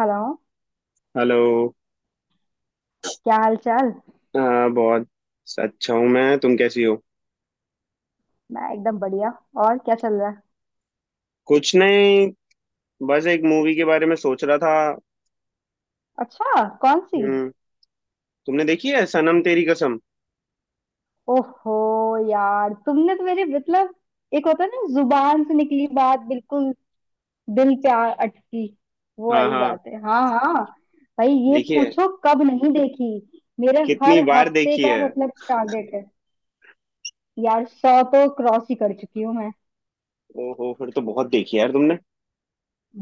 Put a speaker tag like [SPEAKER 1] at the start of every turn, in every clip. [SPEAKER 1] Hello.
[SPEAKER 2] Hello.
[SPEAKER 1] क्या हाल चाल?
[SPEAKER 2] हाँ, बहुत अच्छा हूँ। मैं, तुम कैसी हो?
[SPEAKER 1] मैं एकदम बढ़िया। और क्या चल रहा है?
[SPEAKER 2] कुछ नहीं, बस एक मूवी के बारे में सोच रहा था।
[SPEAKER 1] अच्छा, कौन सी?
[SPEAKER 2] हम्म। तुमने देखी है सनम तेरी कसम?
[SPEAKER 1] ओहो यार, तुमने तो मेरी मतलब, एक होता है ना जुबान से निकली बात बिल्कुल दिल पे आ अटकी, वो
[SPEAKER 2] हाँ,
[SPEAKER 1] वाली
[SPEAKER 2] हाँ,
[SPEAKER 1] बात है। हाँ हाँ। भाई ये
[SPEAKER 2] देखी है।
[SPEAKER 1] पूछो कब नहीं देखी। मेरे
[SPEAKER 2] कितनी
[SPEAKER 1] हर
[SPEAKER 2] बार
[SPEAKER 1] हफ्ते
[SPEAKER 2] देखी
[SPEAKER 1] का
[SPEAKER 2] है?
[SPEAKER 1] मतलब टारगेट है। यार 100 तो क्रॉस ही कर चुकी हूँ मैं।
[SPEAKER 2] ओहो, फिर तो बहुत देखी है यार तुमने।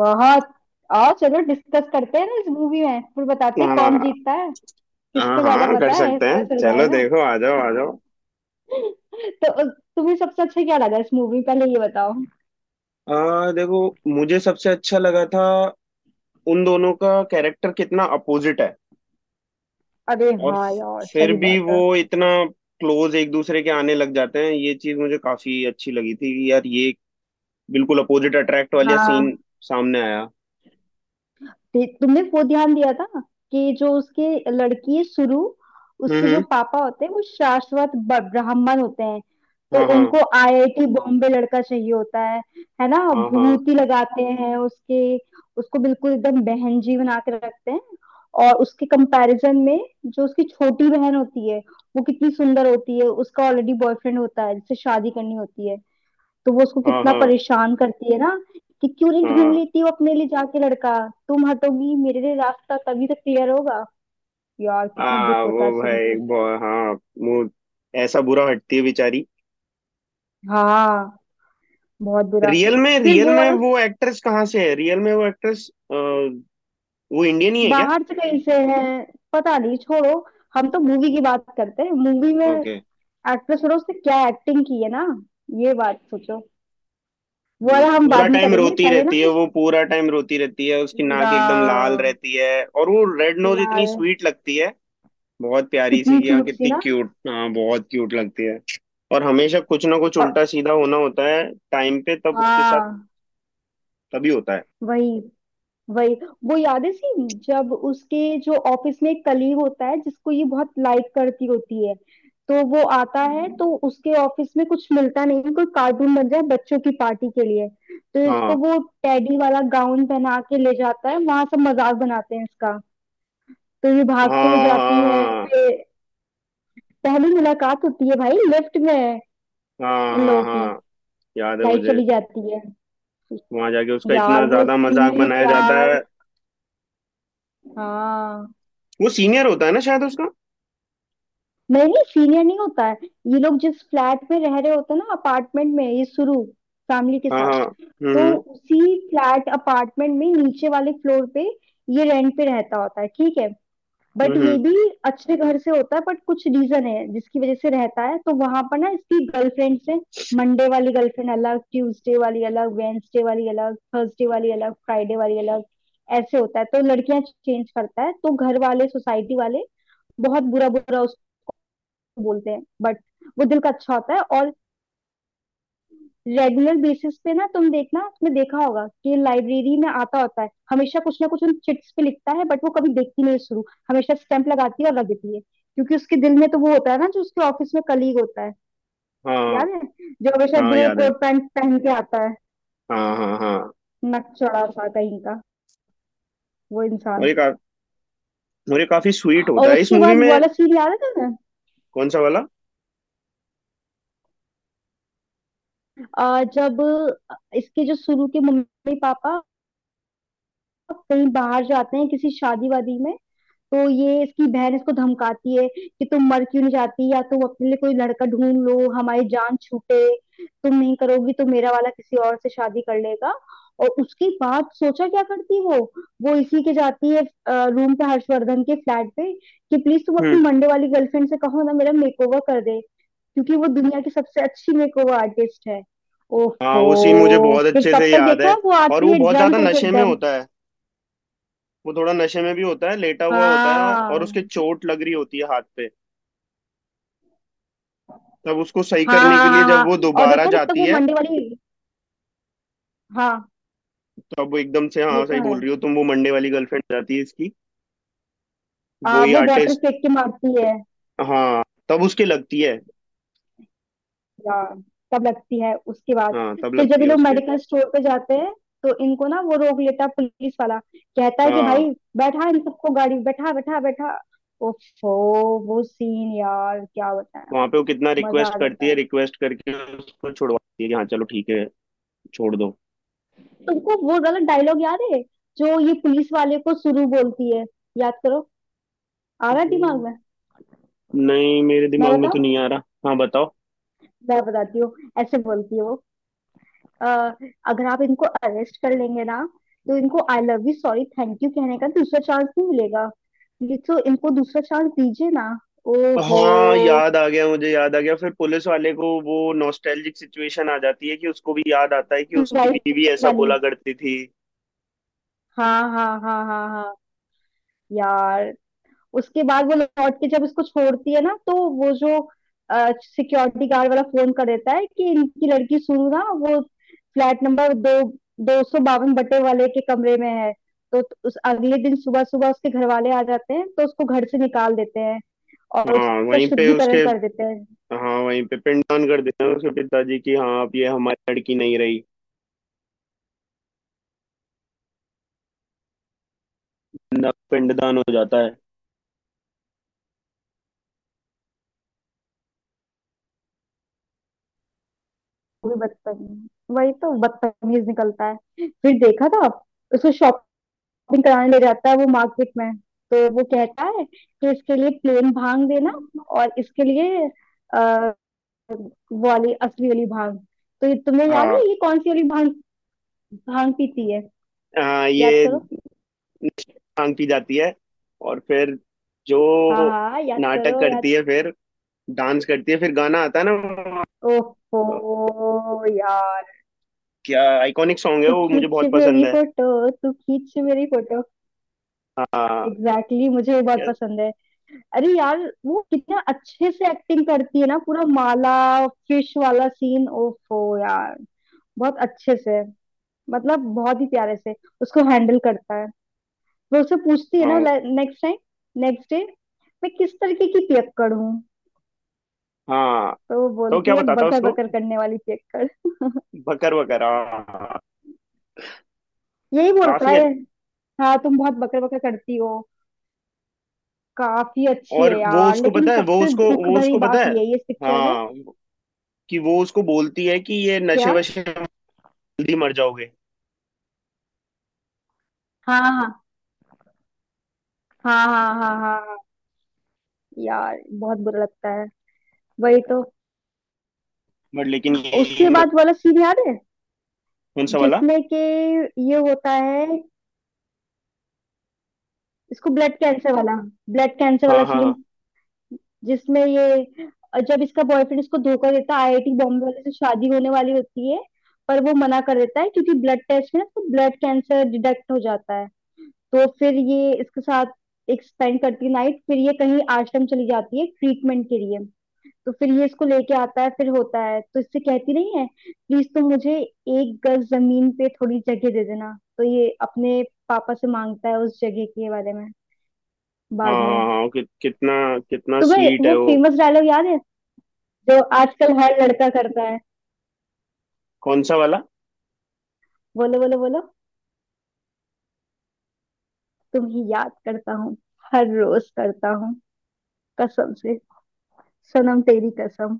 [SPEAKER 1] बहुत। आओ चलो डिस्कस करते हैं ना, इस मूवी में फिर बताते हैं
[SPEAKER 2] हाँ,
[SPEAKER 1] कौन जीतता है,
[SPEAKER 2] हाँ,
[SPEAKER 1] किसको ज्यादा
[SPEAKER 2] हाँ, कर
[SPEAKER 1] पता है
[SPEAKER 2] सकते
[SPEAKER 1] पता
[SPEAKER 2] हैं।
[SPEAKER 1] चल
[SPEAKER 2] चलो,
[SPEAKER 1] जाएगा।
[SPEAKER 2] देखो, आ जाओ, आ जाओ।
[SPEAKER 1] तो तुम्हें सबसे अच्छा क्या लगा इस मूवी में? पहले ये बताओ।
[SPEAKER 2] देखो, मुझे सबसे अच्छा लगा था उन दोनों का कैरेक्टर कितना अपोजिट है।
[SPEAKER 1] अरे
[SPEAKER 2] और
[SPEAKER 1] हाँ
[SPEAKER 2] स-
[SPEAKER 1] यार,
[SPEAKER 2] फिर
[SPEAKER 1] सही
[SPEAKER 2] भी वो
[SPEAKER 1] बात
[SPEAKER 2] इतना क्लोज एक दूसरे के आने लग जाते हैं। ये चीज मुझे काफी अच्छी लगी थी कि यार ये बिल्कुल अपोजिट अट्रैक्ट वाला सीन
[SPEAKER 1] है।
[SPEAKER 2] सामने आया।
[SPEAKER 1] तुमने वो ध्यान दिया था कि जो उसके लड़की है शुरू,
[SPEAKER 2] हम्म,
[SPEAKER 1] उसके जो
[SPEAKER 2] हम्म।
[SPEAKER 1] पापा होते हैं वो शाश्वत ब्राह्मण होते हैं, तो
[SPEAKER 2] हाँ, हाँ,
[SPEAKER 1] उनको आईआईटी बॉम्बे लड़का चाहिए होता है। है ना?
[SPEAKER 2] हाँ, हाँ,
[SPEAKER 1] भूत ही लगाते हैं उसके। उसको बिल्कुल एकदम बहन जी बना के रखते हैं। और उसके कंपैरिजन में, जो उसकी छोटी बहन होती है वो कितनी सुंदर होती है, उसका ऑलरेडी बॉयफ्रेंड होता है जिससे शादी करनी होती है, तो वो उसको
[SPEAKER 2] हाँ,
[SPEAKER 1] कितना
[SPEAKER 2] हाँ,
[SPEAKER 1] परेशान करती है ना कि क्यों नहीं ढूंढ
[SPEAKER 2] हाँ।
[SPEAKER 1] लेती हो अपने लिए जाके लड़का, तुम हटोगी मेरे लिए रास्ता तभी तो क्लियर होगा। यार कितना दुख
[SPEAKER 2] वो
[SPEAKER 1] होता है सुन के।
[SPEAKER 2] भाई हाँ, वो ऐसा बुरा हटती है बेचारी।
[SPEAKER 1] हाँ, बहुत बुरा।
[SPEAKER 2] रियल में,
[SPEAKER 1] फिर
[SPEAKER 2] रियल
[SPEAKER 1] वो
[SPEAKER 2] में
[SPEAKER 1] वाला
[SPEAKER 2] वो एक्ट्रेस कहाँ से है? रियल में वो एक्ट्रेस वो इंडियन ही है क्या?
[SPEAKER 1] बाहर से कहीं से है, पता नहीं, छोड़ो। हम तो मूवी की बात करते हैं, मूवी में
[SPEAKER 2] ओके।
[SPEAKER 1] एक्ट्रेस, और उसने क्या एक्टिंग की है ना, ये बात सोचो। वो
[SPEAKER 2] हम्म।
[SPEAKER 1] वाला हम
[SPEAKER 2] पूरा
[SPEAKER 1] बाद में
[SPEAKER 2] टाइम
[SPEAKER 1] करेंगे,
[SPEAKER 2] रोती
[SPEAKER 1] पहले ना
[SPEAKER 2] रहती है
[SPEAKER 1] बस
[SPEAKER 2] वो, पूरा टाइम रोती रहती है। उसकी नाक
[SPEAKER 1] पूरा
[SPEAKER 2] एकदम लाल रहती है, और वो रेड नोज इतनी
[SPEAKER 1] लाल,
[SPEAKER 2] स्वीट लगती है, बहुत प्यारी सी।
[SPEAKER 1] कितनी
[SPEAKER 2] कि हाँ,
[SPEAKER 1] क्यूट सी
[SPEAKER 2] कितनी
[SPEAKER 1] ना।
[SPEAKER 2] क्यूट, हाँ, बहुत क्यूट लगती है। और हमेशा कुछ ना कुछ
[SPEAKER 1] और
[SPEAKER 2] उल्टा सीधा होना होता है टाइम पे तब उसके साथ,
[SPEAKER 1] हाँ,
[SPEAKER 2] तभी होता है।
[SPEAKER 1] वही वही। वो याद है सीन जब उसके जो ऑफिस में एक कलीग होता है जिसको ये बहुत लाइक करती होती है? तो वो आता है, हम्म, तो उसके ऑफिस में कुछ मिलता नहीं है, कोई कार्टून बन जाए बच्चों की पार्टी के लिए तो इसको
[SPEAKER 2] हाँ,
[SPEAKER 1] वो टेडी वाला गाउन पहना के ले जाता है, वहां सब मजाक बनाते हैं इसका। तो ये
[SPEAKER 2] हाँ,
[SPEAKER 1] भागते हुए
[SPEAKER 2] हाँ,
[SPEAKER 1] जाती है,
[SPEAKER 2] हाँ,
[SPEAKER 1] फिर पहली मुलाकात होती है भाई लिफ्ट में, इन
[SPEAKER 2] हाँ, हाँ,
[SPEAKER 1] लोगों की।
[SPEAKER 2] हाँ। याद है
[SPEAKER 1] लाइट
[SPEAKER 2] मुझे।
[SPEAKER 1] चली जाती है।
[SPEAKER 2] वहां जाके उसका इतना
[SPEAKER 1] यार वो
[SPEAKER 2] ज्यादा मजाक
[SPEAKER 1] सीन
[SPEAKER 2] बनाया जाता
[SPEAKER 1] यार।
[SPEAKER 2] है।
[SPEAKER 1] हाँ,
[SPEAKER 2] वो सीनियर होता है ना शायद उसका?
[SPEAKER 1] नहीं सीनियर नहीं होता है। ये लोग जिस फ्लैट में रह रहे होते हैं ना अपार्टमेंट में, ये शुरू फैमिली के
[SPEAKER 2] हाँ,
[SPEAKER 1] साथ,
[SPEAKER 2] हाँ।
[SPEAKER 1] तो
[SPEAKER 2] हम्म,
[SPEAKER 1] उसी फ्लैट अपार्टमेंट में नीचे वाले फ्लोर पे ये रेंट पे रहता होता है, ठीक है?
[SPEAKER 2] हम्म,
[SPEAKER 1] बट ये
[SPEAKER 2] हम्म।
[SPEAKER 1] भी अच्छे घर से होता है, बट कुछ रीजन है जिसकी वजह से रहता है। तो वहां पर ना इसकी गर्लफ्रेंड से, मंडे वाली गर्लफ्रेंड अलग, ट्यूसडे वाली अलग, वेंसडे वाली अलग, थर्सडे वाली अलग, फ्राइडे वाली अलग, ऐसे होता है, तो लड़कियां चेंज करता है तो घर वाले सोसाइटी वाले बहुत बुरा बुरा बोलते हैं। बट वो दिल का अच्छा होता है, और रेगुलर बेसिस पे ना तुम देखना, तुमने देखा होगा कि लाइब्रेरी में आता होता है, हमेशा कुछ ना कुछ उन चिट्स पे लिखता है, बट वो कभी देखती नहीं है शुरू, हमेशा स्टैंप लगाती है और रख देती है क्योंकि उसके दिल में तो वो होता है ना, जो उसके ऑफिस में कलीग होता है,
[SPEAKER 2] हाँ,
[SPEAKER 1] याद है, जो हमेशा
[SPEAKER 2] हाँ,
[SPEAKER 1] ग्रे
[SPEAKER 2] याद है।
[SPEAKER 1] कोट पैंट पहन के आता है,
[SPEAKER 2] हाँ, हाँ, हाँ।
[SPEAKER 1] नकचड़ा सा कहीं का वो
[SPEAKER 2] और
[SPEAKER 1] इंसान।
[SPEAKER 2] एक आ- और ये काफी स्वीट होता
[SPEAKER 1] और
[SPEAKER 2] है इस
[SPEAKER 1] उसके
[SPEAKER 2] मूवी
[SPEAKER 1] बाद वो
[SPEAKER 2] में।
[SPEAKER 1] वाला सीन याद है तुम्हें?
[SPEAKER 2] कौन सा वाला?
[SPEAKER 1] जब इसके जो शुरू के मम्मी पापा कहीं बाहर जाते हैं किसी शादी वादी में, तो ये इसकी बहन इसको धमकाती है कि तुम मर क्यों नहीं जाती, या तुम अपने लिए कोई लड़का ढूंढ लो हमारी जान छूटे, तुम नहीं करोगी तो मेरा वाला किसी और से शादी कर लेगा। और उसके बाद सोचा क्या करती वो इसी के जाती है रूम पे हर्षवर्धन के फ्लैट पे, कि प्लीज तुम
[SPEAKER 2] हम्म।
[SPEAKER 1] अपनी मंडे वाली गर्लफ्रेंड से कहो ना मेरा मेकओवर कर दे क्योंकि वो दुनिया की सबसे अच्छी मेकओवर आर्टिस्ट है।
[SPEAKER 2] हाँ, वो सीन मुझे
[SPEAKER 1] ओहो,
[SPEAKER 2] बहुत
[SPEAKER 1] फिर
[SPEAKER 2] अच्छे से
[SPEAKER 1] तब तक
[SPEAKER 2] याद
[SPEAKER 1] देखा
[SPEAKER 2] है।
[SPEAKER 1] वो
[SPEAKER 2] और
[SPEAKER 1] आती
[SPEAKER 2] वो
[SPEAKER 1] है
[SPEAKER 2] बहुत ज्यादा
[SPEAKER 1] ड्रंक होके
[SPEAKER 2] नशे में
[SPEAKER 1] एकदम।
[SPEAKER 2] होता है। वो थोड़ा नशे में भी होता है, लेटा हुआ होता है, और उसके
[SPEAKER 1] हाँ
[SPEAKER 2] चोट लग रही होती है हाथ पे। तब उसको सही
[SPEAKER 1] हाँ
[SPEAKER 2] करने के
[SPEAKER 1] हाँ
[SPEAKER 2] लिए
[SPEAKER 1] हाँ
[SPEAKER 2] जब
[SPEAKER 1] हाँ।
[SPEAKER 2] वो
[SPEAKER 1] और
[SPEAKER 2] दोबारा
[SPEAKER 1] देखा जब तक
[SPEAKER 2] जाती
[SPEAKER 1] वो
[SPEAKER 2] है,
[SPEAKER 1] मंडे वाली, हाँ,
[SPEAKER 2] तब वो एकदम से,
[SPEAKER 1] ये
[SPEAKER 2] हाँ,
[SPEAKER 1] तो
[SPEAKER 2] सही
[SPEAKER 1] है।
[SPEAKER 2] बोल रही हो तुम, वो मंडे वाली गर्लफ्रेंड जाती है इसकी। वही
[SPEAKER 1] वो वाटर
[SPEAKER 2] आर्टिस्ट।
[SPEAKER 1] फेंक के मारती है।
[SPEAKER 2] हाँ, तब उसके लगती है।
[SPEAKER 1] यार तब लगती है उसके बाद।
[SPEAKER 2] हाँ, तब
[SPEAKER 1] फिर जब
[SPEAKER 2] लगती
[SPEAKER 1] ये
[SPEAKER 2] है
[SPEAKER 1] लोग
[SPEAKER 2] उसके।
[SPEAKER 1] मेडिकल स्टोर पे जाते हैं तो इनको ना वो रोक लेता है पुलिस वाला, कहता है कि
[SPEAKER 2] हाँ,
[SPEAKER 1] भाई बैठा इन सबको गाड़ी में, बैठा बैठा बैठा, ओफो वो सीन यार क्या बताएं।
[SPEAKER 2] वहां पे वो कितना
[SPEAKER 1] मजा
[SPEAKER 2] रिक्वेस्ट
[SPEAKER 1] आ जाता
[SPEAKER 2] करती है,
[SPEAKER 1] है।
[SPEAKER 2] रिक्वेस्ट करके उसको छुड़वाती है कि हाँ, चलो, ठीक है, छोड़
[SPEAKER 1] तुमको वो वाला डायलॉग याद है जो ये पुलिस वाले को सुरु बोलती है? याद करो, आ रहा है
[SPEAKER 2] दो।
[SPEAKER 1] दिमाग में?
[SPEAKER 2] नहीं, मेरे
[SPEAKER 1] मैं
[SPEAKER 2] दिमाग में
[SPEAKER 1] बताओ,
[SPEAKER 2] तो नहीं आ रहा। हाँ, बताओ।
[SPEAKER 1] मैं बताती हूँ। ऐसे बोलती है वो, अ, अगर आप इनको अरेस्ट कर लेंगे ना तो इनको I love you sorry thank you कहने का दूसरा चांस नहीं मिलेगा, ये तो इनको दूसरा चांस दीजिए ना। ओहो।
[SPEAKER 2] हाँ, याद आ गया, मुझे याद आ गया। फिर पुलिस वाले को वो नॉस्टैल्जिक सिचुएशन आ जाती है कि उसको भी याद आता है कि उसकी
[SPEAKER 1] लाइफ
[SPEAKER 2] बीवी ऐसा
[SPEAKER 1] वाली।
[SPEAKER 2] बोला करती थी।
[SPEAKER 1] हाँ हाँ हाँ हाँ हाँ हाँ, यार उसके बाद वो लौट के जब उसको छोड़ती है ना, तो वो जो सिक्योरिटी गार्ड वाला फोन कर देता है कि इनकी लड़की सुनू ना वो फ्लैट नंबर दो 252 बटे वाले के कमरे में है। तो उस अगले दिन सुबह सुबह उसके घर वाले आ जाते हैं तो उसको घर से निकाल देते हैं, और
[SPEAKER 2] हाँ
[SPEAKER 1] उसका
[SPEAKER 2] वहीं पे उसके,
[SPEAKER 1] शुद्धिकरण कर देते हैं।
[SPEAKER 2] हाँ वहीं पे पिंडदान कर देते हैं उसके पिताजी की। हाँ, अब ये हमारी लड़की नहीं रही। पिंडदान हो जाता है।
[SPEAKER 1] वो भी बदतमीज, वही तो बदतमीज निकलता है। फिर देखा था, उसको शॉपिंग कराने ले जाता है वो मार्केट में, तो वो कहता है कि इसके लिए प्लेन भांग देना, और इसके लिए अ, वो वाली असली वाली भांग। तो ये तुम्हें याद
[SPEAKER 2] हाँ,
[SPEAKER 1] है, ये कौन सी वाली भांग? भांग पीती है।
[SPEAKER 2] हाँ।
[SPEAKER 1] याद
[SPEAKER 2] ये
[SPEAKER 1] करो।
[SPEAKER 2] भांग पी जाती है, और फिर जो
[SPEAKER 1] हाँ, हाँ याद
[SPEAKER 2] नाटक
[SPEAKER 1] करो, याद।
[SPEAKER 2] करती है, फिर डांस करती है, फिर गाना आता है ना,
[SPEAKER 1] ओहो यार,
[SPEAKER 2] क्या आइकॉनिक सॉन्ग है,
[SPEAKER 1] तू
[SPEAKER 2] वो मुझे
[SPEAKER 1] खींच
[SPEAKER 2] बहुत पसंद
[SPEAKER 1] मेरी
[SPEAKER 2] है।
[SPEAKER 1] फोटो, तू खींच मेरी फोटो।
[SPEAKER 2] हाँ।
[SPEAKER 1] एग्जैक्टली, मुझे वो बहुत
[SPEAKER 2] क्या?
[SPEAKER 1] पसंद है। अरे यार, वो कितना अच्छे से एक्टिंग करती है ना, पूरा माला फिश वाला सीन। ओफो यार, बहुत अच्छे से, मतलब बहुत ही प्यारे से उसको हैंडल करता है। वो उससे पूछती है ना
[SPEAKER 2] हाँ।
[SPEAKER 1] नेक्स्ट टाइम, नेक्स्ट डे, मैं किस तरीके की पियक्कड़ हूँ?
[SPEAKER 2] हाँ,
[SPEAKER 1] तो वो
[SPEAKER 2] तो
[SPEAKER 1] बोलती
[SPEAKER 2] क्या
[SPEAKER 1] है
[SPEAKER 2] बताता
[SPEAKER 1] बकर
[SPEAKER 2] उसको?
[SPEAKER 1] बकर करने वाली पियक्कड़।
[SPEAKER 2] बकर बकर, हाँ।
[SPEAKER 1] यही बोलता
[SPEAKER 2] काफी
[SPEAKER 1] है,
[SPEAKER 2] अच्छ-
[SPEAKER 1] हाँ तुम बहुत बकर बकर करती हो। काफी अच्छी
[SPEAKER 2] और
[SPEAKER 1] है
[SPEAKER 2] वो
[SPEAKER 1] यार,
[SPEAKER 2] उसको
[SPEAKER 1] लेकिन
[SPEAKER 2] पता है, वो
[SPEAKER 1] सबसे
[SPEAKER 2] उसको,
[SPEAKER 1] दुख
[SPEAKER 2] वो
[SPEAKER 1] भरी
[SPEAKER 2] उसको पता
[SPEAKER 1] बात
[SPEAKER 2] है।
[SPEAKER 1] यही है इस पिक्चर में।
[SPEAKER 2] हाँ, कि वो उसको बोलती है कि ये नशे
[SPEAKER 1] क्या?
[SPEAKER 2] वशे में जल्दी मर जाओगे।
[SPEAKER 1] हाँ हाँ हाँ हाँ हाँ हाँ। यार बहुत बुरा लगता है, वही तो।
[SPEAKER 2] बट लेकिन
[SPEAKER 1] उसके बाद वाला सीन याद है
[SPEAKER 2] कौन सा वाला?
[SPEAKER 1] जिसमें कि ये होता है, इसको ब्लड कैंसर वाला, ब्लड कैंसर
[SPEAKER 2] हाँ,
[SPEAKER 1] वाला
[SPEAKER 2] हाँ,
[SPEAKER 1] सीन?
[SPEAKER 2] हाँ,
[SPEAKER 1] जिसमें ये, जब इसका बॉयफ्रेंड इसको धोखा देता है, आईआईटी बॉम्बे वाले से शादी होने वाली होती है पर वो मना कर देता है क्योंकि ब्लड टेस्ट में उसको ब्लड कैंसर डिटेक्ट हो जाता है। तो फिर ये इसके साथ एक स्पेंड करती है नाइट, फिर ये कहीं आश्रम चली जाती है ट्रीटमेंट के लिए। तो फिर ये इसको लेके आता है, फिर होता है तो इससे कहती नहीं है, प्लीज तुम मुझे एक गज जमीन पे थोड़ी जगह दे देना। तो ये अपने पापा से मांगता है उस जगह के बारे में
[SPEAKER 2] हाँ,
[SPEAKER 1] बाद में।
[SPEAKER 2] हाँ, हाँ, कि कितना, कितना
[SPEAKER 1] तुम्हें
[SPEAKER 2] स्वीट है
[SPEAKER 1] वो
[SPEAKER 2] वो।
[SPEAKER 1] फेमस डायलॉग याद है जो आजकल हर लड़का करता है?
[SPEAKER 2] कौन सा वाला?
[SPEAKER 1] बोलो बोलो बोलो। तुम ही याद करता हूँ, हर रोज करता हूँ, कसम से, सनम तेरी कसम।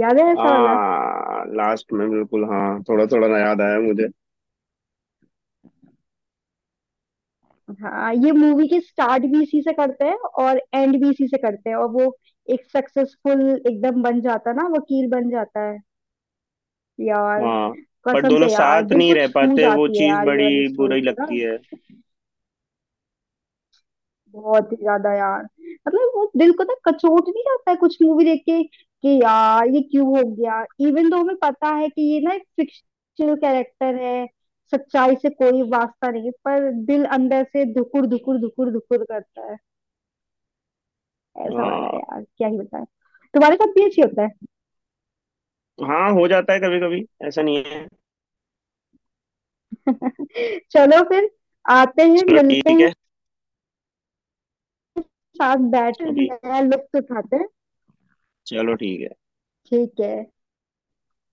[SPEAKER 1] याद है ऐसा वाला?
[SPEAKER 2] हाँ, लास्ट में, बिल्कुल हाँ, थोड़ा थोड़ा ना याद आया मुझे।
[SPEAKER 1] हाँ, ये मूवी के स्टार्ट भी इसी से करते हैं और एंड भी इसी से करते हैं, और वो एक सक्सेसफुल एकदम बन जाता है ना, वकील बन जाता है। यार
[SPEAKER 2] हाँ। पर
[SPEAKER 1] कसम
[SPEAKER 2] दोनों
[SPEAKER 1] से यार,
[SPEAKER 2] साथ
[SPEAKER 1] दिल
[SPEAKER 2] नहीं
[SPEAKER 1] को
[SPEAKER 2] रह
[SPEAKER 1] छू
[SPEAKER 2] पाते, वो
[SPEAKER 1] जाती है
[SPEAKER 2] चीज
[SPEAKER 1] यार ये वाली
[SPEAKER 2] बड़ी
[SPEAKER 1] स्टोरी
[SPEAKER 2] बुरी
[SPEAKER 1] तो ना।
[SPEAKER 2] लगती है।
[SPEAKER 1] बहुत ही ज्यादा यार, मतलब वो दिल को ना कचोट नहीं जाता है कुछ मूवी देख के कि यार ये क्यों हो गया? इवन तो हमें पता है कि ये ना एक फिक्शनल कैरेक्टर है, सच्चाई से कोई वास्ता नहीं, पर दिल अंदर से धुकुर धुकुर धुकुर धुकुर करता है। ऐसा वाला है
[SPEAKER 2] हाँ,
[SPEAKER 1] यार, क्या ही बताएं। तुम्हारे साथ भी अच्छी होता
[SPEAKER 2] हाँ, हो जाता है कभी कभी, ऐसा नहीं है।
[SPEAKER 1] है। चलो फिर, आते हैं
[SPEAKER 2] चलो,
[SPEAKER 1] मिलते
[SPEAKER 2] ठीक है।
[SPEAKER 1] हैं, साथ बैठ
[SPEAKER 2] अभी?
[SPEAKER 1] नया लुत्फ उठाते हैं।
[SPEAKER 2] चलो, ठीक है।